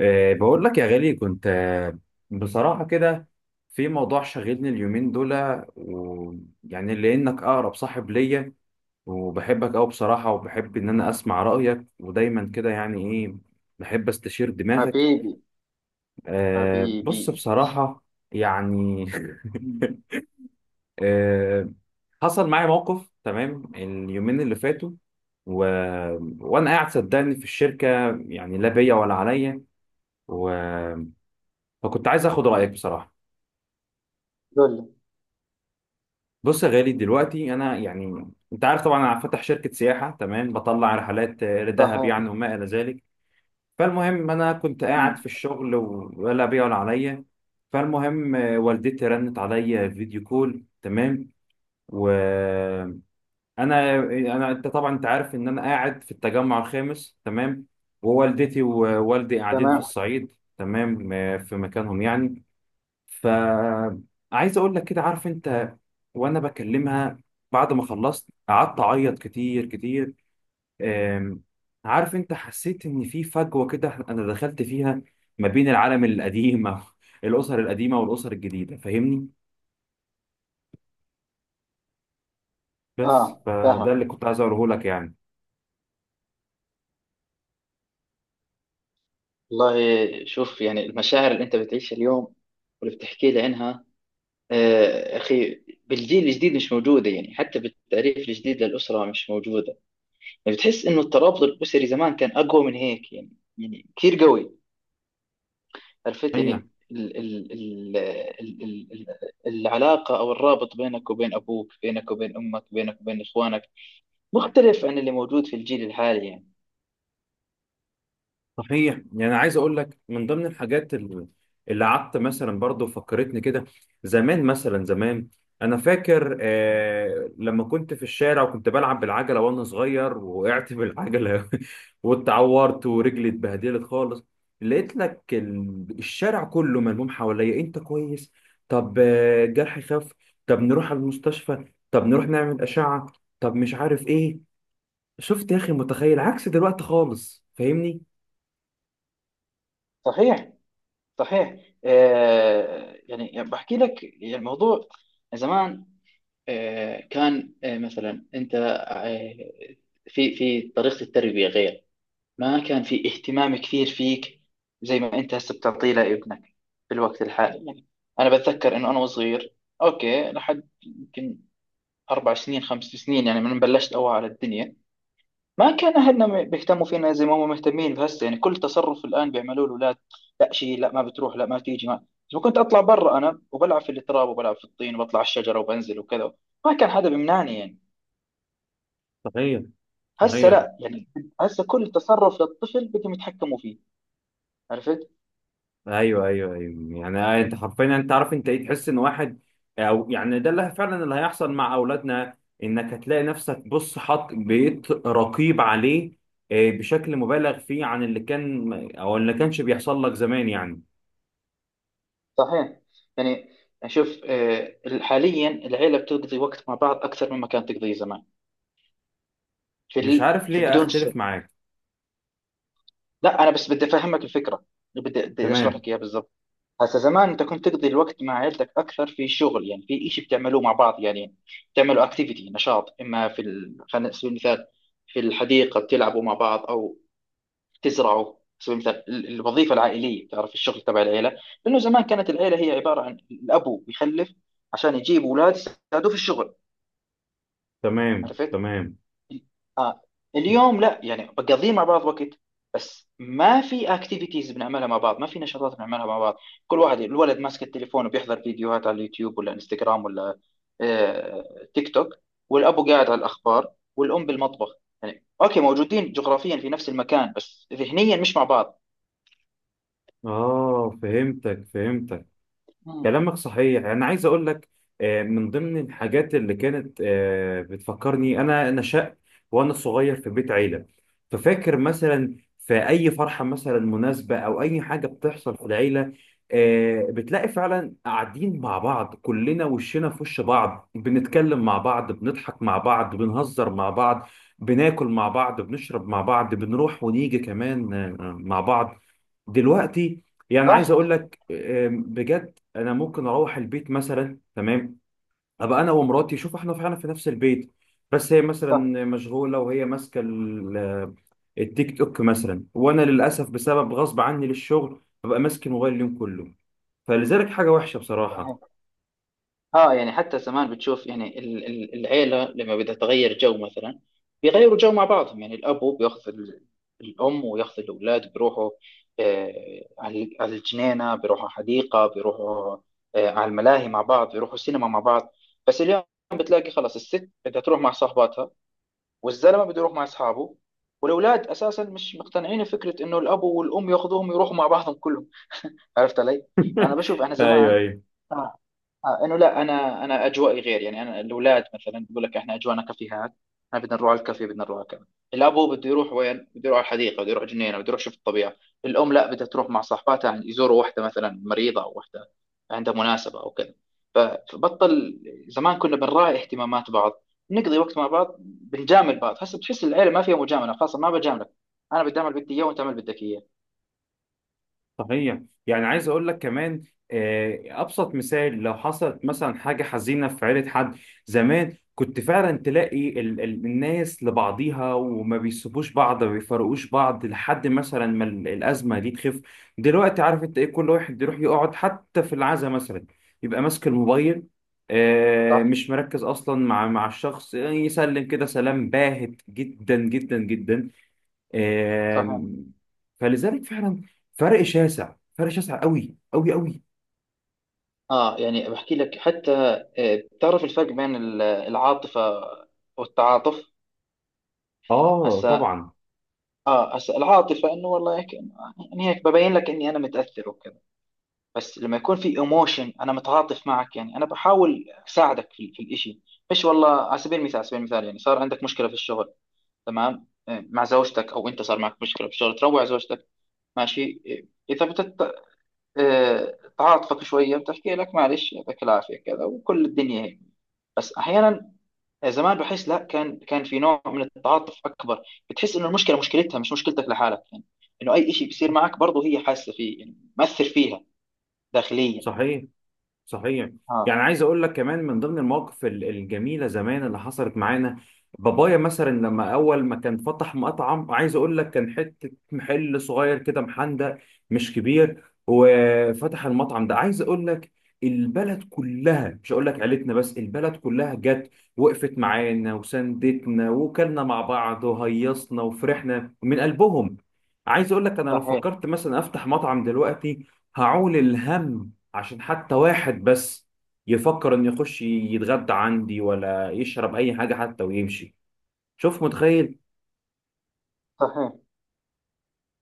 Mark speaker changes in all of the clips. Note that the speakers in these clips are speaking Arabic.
Speaker 1: بقول لك يا غالي كنت بصراحة كده في موضوع شاغلني اليومين دول. ويعني لأنك أقرب صاحب ليا وبحبك أوي بصراحة، وبحب إن أنا أسمع رأيك ودايما كده، يعني إيه، بحب أستشير دماغك.
Speaker 2: حبيبي
Speaker 1: بص
Speaker 2: حبيبي،
Speaker 1: بصراحة، يعني
Speaker 2: مم.
Speaker 1: أه، حصل معايا موقف، تمام، اليومين اللي فاتوا و... وأنا قاعد صدقني في الشركة، يعني لا بيا ولا عليا، و... فكنت عايز اخد رايك بصراحه.
Speaker 2: قول لي.
Speaker 1: بص يا غالي، دلوقتي انا يعني انت عارف طبعا انا فاتح شركه سياحه، تمام، بطلع رحلات لدهب
Speaker 2: صحيح.
Speaker 1: يعني وما الى ذلك. فالمهم انا كنت قاعد
Speaker 2: مم.
Speaker 1: في الشغل ولا بيا ولا عليا. فالمهم والدتي رنت عليا فيديو كول، تمام، وانا انا انت طبعا انت عارف ان انا قاعد في التجمع الخامس، تمام، ووالدتي ووالدي قاعدين في
Speaker 2: تمام.
Speaker 1: الصعيد، تمام في مكانهم يعني. فعايز اقول لك كده، عارف انت، وانا بكلمها بعد ما خلصت قعدت اعيط كتير كتير. أم، عارف انت، حسيت ان في فجوة كده انا دخلت فيها ما بين العالم القديم أو الاسر القديمة والاسر الجديدة، فاهمني؟ بس
Speaker 2: اه،
Speaker 1: فده اللي
Speaker 2: فاهمك.
Speaker 1: كنت عايز اقوله لك يعني.
Speaker 2: والله شوف، يعني المشاعر اللي انت بتعيشها اليوم واللي بتحكي لي عنها. اخي، بالجيل الجديد مش موجوده، يعني حتى بالتعريف الجديد للاسره مش موجوده. يعني بتحس انه الترابط الاسري زمان كان اقوى من هيك يعني كثير قوي. عرفت؟
Speaker 1: اي
Speaker 2: يعني ال ال ال ال ال العلاقه او الرابط بينك وبين ابوك، بينك وبين امك، بينك وبين اخوانك مختلف عن اللي موجود في الجيل الحالي يعني.
Speaker 1: صحيح، يعني انا عايز اقول لك من ضمن الحاجات اللي قعدت مثلا برضو فكرتني كده. زمان مثلا زمان، انا فاكر آه لما كنت في الشارع وكنت بلعب بالعجله وانا صغير، وقعت بالعجله واتعورت ورجلي اتبهدلت خالص، لقيت لك الشارع كله ملموم حواليا، انت كويس؟ طب جرحي خف؟ طب نروح على المستشفى؟ طب نروح نعمل اشعه؟ طب مش عارف ايه. شفت يا اخي متخيل، عكس دلوقتي خالص، فاهمني؟
Speaker 2: صحيح. صحيح. يعني بحكي لك، يعني الموضوع زمان، كان، مثلا انت، في طريقة التربية غير. ما كان في اهتمام كثير فيك، زي ما انت هسه بتعطيه لابنك في الوقت الحالي يعني. انا بتذكر انه انا وصغير، اوكي، لحد يمكن 4 سنين، 5 سنين يعني، من بلشت اوعى على الدنيا. ما كان أهلنا بيهتموا فينا زي ما هم مهتمين بهسه، يعني كل تصرف الآن بيعملوه الأولاد، لا شيء، لا ما بتروح، لا ما تيجي، ما بس كنت أطلع برا، أنا وبلعب في التراب وبلعب في الطين وبطلع على الشجرة وبنزل وكذا. ما كان حدا بيمنعني يعني.
Speaker 1: صحيح.
Speaker 2: هسه
Speaker 1: صحيح.
Speaker 2: لا، يعني هسه كل تصرف للطفل بدهم يتحكموا فيه. عرفت؟
Speaker 1: ايوه، ايوه، ايوه، يعني انت حرفيا، انت عارف انت ايه، تحس ان واحد او يعني ده اللي فعلا اللي هيحصل مع اولادنا، انك هتلاقي نفسك، بص، حط بقيت رقيب عليه بشكل مبالغ فيه عن اللي كان او اللي كانش بيحصل لك زمان يعني.
Speaker 2: صحيح. يعني شوف، حاليا العيلة بتقضي وقت مع بعض أكثر مما كانت تقضيه زمان،
Speaker 1: مش عارف
Speaker 2: في
Speaker 1: ليه
Speaker 2: بدون سبب.
Speaker 1: اختلف معاك.
Speaker 2: لا، أنا بس بدي أفهمك الفكرة، بدي أشرح
Speaker 1: تمام.
Speaker 2: لك إياها بالضبط. هسا زمان انت كنت تقضي الوقت مع عيلتك اكثر، في شغل يعني، في شيء بتعملوه مع بعض يعني، بتعملوا اكتيفيتي نشاط، اما خلينا نسوي مثال. في الحديقه بتلعبوا مع بعض، او بتزرعوا سوي. مثال الوظيفه العائليه، بتعرف الشغل تبع العيله، لانه زمان كانت العيله هي عباره عن الابو بيخلف عشان يجيب اولاد يساعدوه في الشغل.
Speaker 1: تمام.
Speaker 2: عرفت؟
Speaker 1: تمام.
Speaker 2: اليوم لا يعني، بقضيه مع بعض وقت، بس ما في اكتيفيتيز بنعملها مع بعض، ما في نشاطات بنعملها مع بعض. كل واحد الولد ماسك التليفون، وبيحضر فيديوهات على اليوتيوب ولا انستغرام ولا تيك توك، والابو قاعد على الاخبار والام بالمطبخ، يعني اوكي موجودين جغرافيا في نفس المكان بس ذهنيا مش مع بعض.
Speaker 1: اه، فهمتك فهمتك.
Speaker 2: مم.
Speaker 1: كلامك صحيح. انا عايز اقول لك من ضمن الحاجات اللي كانت بتفكرني، انا نشأت وانا صغير في بيت عيله، ففاكر مثلا في اي فرحه مثلا مناسبه او اي حاجه بتحصل في العيله بتلاقي فعلا قاعدين مع بعض كلنا، وشنا في وش بعض، بنتكلم مع بعض، بنضحك مع بعض، بنهزر مع بعض، بناكل مع بعض، بنشرب مع بعض، بنروح ونيجي كمان مع بعض. دلوقتي، يعني عايز اقول
Speaker 2: صح.
Speaker 1: لك بجد، انا ممكن اروح البيت مثلا، تمام، ابقى انا ومراتي، شوف، احنا فعلا في نفس البيت، بس هي مثلا مشغوله وهي ماسكه التيك توك مثلا، وانا للاسف بسبب غصب عني للشغل ببقى ماسك الموبايل اليوم كله، فلذلك حاجه وحشه بصراحه.
Speaker 2: صح، اه يعني حتى زمان بتشوف يعني العيلة لما بدها تغير جو مثلا، بيغيروا جو مع بعضهم يعني. الأب بياخذ الأم وياخذ الأولاد، بيروحوا على الجنينة، بيروحوا حديقة، بيروحوا على الملاهي مع بعض، بيروحوا السينما مع بعض. بس اليوم بتلاقي خلاص، الست بدها تروح مع صاحباتها، والزلمة بده يروح مع أصحابه، والأولاد أساسا مش مقتنعين بفكرة إنه الأب والأم ياخذوهم يروحوا مع بعضهم كلهم. عرفت علي؟ أنا بشوف أنا
Speaker 1: ايوه.
Speaker 2: زمان.
Speaker 1: ايوه
Speaker 2: آه، انه لا، انا اجوائي غير يعني. انا الاولاد مثلا بقول لك، احنا اجوانا كافيهات، احنا بدنا نروح على الكافيه، بدنا نروح على كذا. الابو بده يروح وين؟ بده يروح على الحديقه، بده يروح جنينه، بده يروح يشوف الطبيعه. الام لا، بدها تروح مع صاحباتها، يعني يزوروا واحده مثلا مريضه، او واحده عندها مناسبه او كذا. ف- فبطل. زمان كنا بنراعي اهتمامات بعض، نقضي وقت مع بعض، بنجامل بعض. هسه بتحس العيله ما فيها مجامله، خاصه ما بجاملك، انا بدي اعمل بدي اياه وانت اعمل بدك اياه.
Speaker 1: صحيح. يعني عايز اقول لك كمان ابسط مثال، لو حصلت مثلا حاجه حزينه في عيله حد، زمان كنت فعلا تلاقي ال الناس لبعضيها، وما بيسيبوش بعض ما بيفرقوش بعض لحد مثلا ما الازمه دي تخف. دلوقتي عارف انت ايه، كل واحد يروح يقعد حتى في العزاء مثلا، يبقى ماسك الموبايل
Speaker 2: صح.
Speaker 1: مش مركز اصلا مع مع الشخص، يسلم كده سلام باهت جدا جدا جدا.
Speaker 2: صح.
Speaker 1: آم، فلذلك فعلا فرق شاسع، فرق شاسع قوي قوي قوي.
Speaker 2: اه يعني بحكي لك، حتى بتعرف الفرق بين العاطفة والتعاطف؟
Speaker 1: اه
Speaker 2: هسا
Speaker 1: طبعا.
Speaker 2: اه هسا العاطفة انه والله هيك يعني، هيك ببين لك اني انا متأثر وكذا. بس لما يكون في ايموشن، انا متعاطف معك يعني، انا بحاول اساعدك في الاشي، مش والله. على سبيل المثال يعني صار عندك مشكلة في الشغل، تمام، مع زوجتك، او انت صار معك مشكلة في الشغل، تروع زوجتك ماشي. اذا بتت تعاطفك شوية، بتحكي لك معلش، يعطيك العافية كذا، وكل الدنيا هيك. بس احيانا زمان بحس لا، كان في نوع من التعاطف اكبر. بتحس انه المشكله مشكلتها مش مشكلتك لحالك يعني، انه اي شيء بيصير معك برضه هي حاسه فيه يعني، مأثر فيها داخليا.
Speaker 1: صحيح. صحيح. يعني
Speaker 2: اه.
Speaker 1: عايز اقول لك كمان من ضمن المواقف الجميله زمان اللي حصلت معانا، بابايا مثلا لما اول ما كان فتح مطعم، عايز اقول لك كان حته محل صغير كده محندق، مش كبير، وفتح المطعم ده، عايز اقول لك البلد كلها، مش هقول لك عيلتنا بس، البلد كلها جت وقفت معانا وساندتنا وكلنا مع بعض وهيصنا وفرحنا من قلبهم. عايز اقول لك انا لو
Speaker 2: صحيح.
Speaker 1: فكرت مثلا افتح مطعم دلوقتي هعول الهم عشان حتى واحد بس يفكر انه يخش يتغدى عندي ولا يشرب اي حاجه حتى ويمشي. شوف متخيل.
Speaker 2: صحيح.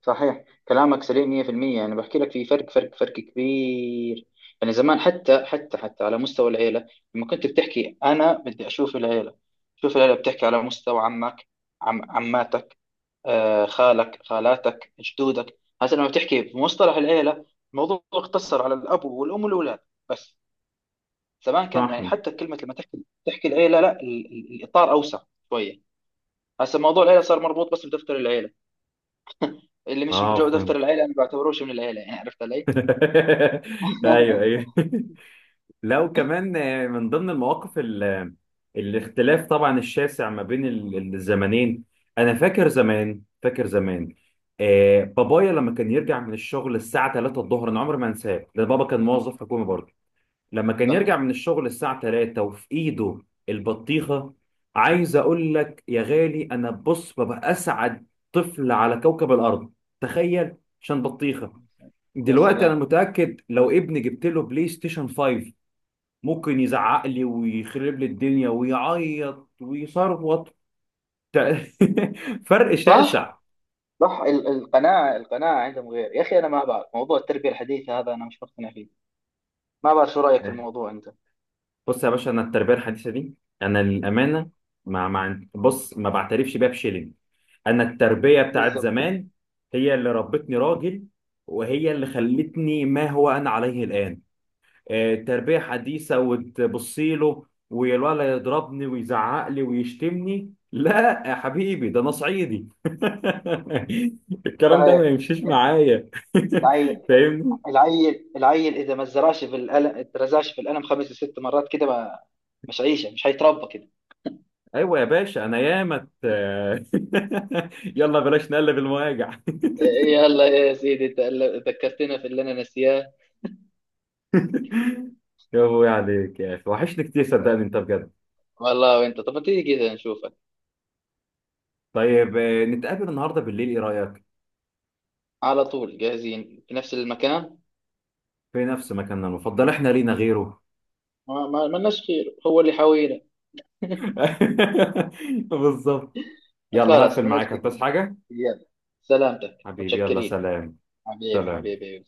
Speaker 2: صحيح، كلامك سليم 100%، يعني بحكي لك في فرق فرق فرق كبير. يعني زمان حتى على مستوى العيله، لما كنت بتحكي انا بدي اشوف العيله، شوف العيله بتحكي على مستوى عمك، عماتك، خالك خالاتك جدودك. هسه لما بتحكي بمصطلح العيلة، الموضوع اقتصر على الأب والأم والأولاد بس. زمان كان يعني،
Speaker 1: صحن.
Speaker 2: حتى كلمة لما تحكي تحكي العيلة، لا الإطار أوسع شوية. هسه موضوع العيلة صار مربوط بس بدفتر العيلة، اللي مش
Speaker 1: اه
Speaker 2: بجو دفتر
Speaker 1: فهمت.
Speaker 2: العيلة أنا بعتبروش من العيلة يعني. عرفت علي؟
Speaker 1: ايوه ايوه. لا وكمان من ضمن المواقف الاختلاف طبعا الشاسع ما بين الزمنين، انا فاكر زمان، فاكر زمان، آه بابايا لما كان يرجع من الشغل الساعه 3 الظهر، انا عمري ما انساه ده، بابا كان موظف حكومي برضه، لما كان
Speaker 2: صحيح.
Speaker 1: يرجع من الشغل الساعة 3 وفي ايده البطيخة، عايز اقول لك يا غالي، انا بص ببقى اسعد طفل على كوكب الارض، تخيل، عشان بطيخة.
Speaker 2: يا
Speaker 1: دلوقتي انا
Speaker 2: سلام.
Speaker 1: متأكد لو ابني جبت له بلاي ستيشن 5 ممكن يزعق لي ويخرب لي الدنيا ويعيط ويصرخ. فرق
Speaker 2: صح.
Speaker 1: شاسع.
Speaker 2: صح، القناعة القناعة عندهم غير يا أخي. أنا ما بعرف موضوع التربية الحديثة هذا، أنا مش مقتنع فيه. ما بعرف، شو رأيك في الموضوع أنت؟
Speaker 1: بص يا باشا، انا التربيه الحديثه دي، انا للامانه ما ما بص ما بعترفش بيها بشيلين. انا التربيه بتاعت
Speaker 2: بالضبط.
Speaker 1: زمان هي اللي ربتني راجل، وهي اللي خلتني ما هو انا عليه الان. تربيه حديثه وتبصي له والولد يضربني ويزعق لي ويشتمني، لا يا حبيبي، ده انا صعيدي الكلام ده ما
Speaker 2: صحيح.
Speaker 1: يمشيش معايا.
Speaker 2: العيل
Speaker 1: فاهمني؟
Speaker 2: العيل اذا ما زرعش في القلم، اترزعش في القلم خمس ست مرات كده، ما مش عيشه، مش هيتربى كده.
Speaker 1: ايوه يا باشا، انا ياما يلا بلاش نقلب المواجع.
Speaker 2: يلا يا سيدي، انت ذكرتنا في اللي انا ناسياه.
Speaker 1: يا ابوي عليك يا اخي، وحشني كتير صدقني انت بجد.
Speaker 2: والله. وانت، طب ما تيجي كده نشوفك؟
Speaker 1: طيب نتقابل النهارده بالليل، ايه رايك؟
Speaker 2: على طول، جاهزين، في نفس المكان.
Speaker 1: في نفس مكاننا المفضل، احنا لينا غيره؟
Speaker 2: ما لناش خير، هو اللي حاوينا.
Speaker 1: بالظبط. يلا هقفل
Speaker 2: خلاص
Speaker 1: معاك
Speaker 2: بنلتقي.
Speaker 1: هتبس حاجه.
Speaker 2: يلا. سلامتك،
Speaker 1: حبيبي يلا،
Speaker 2: متشكرين.
Speaker 1: سلام.
Speaker 2: حبيبي.
Speaker 1: سلام.
Speaker 2: حبيبي.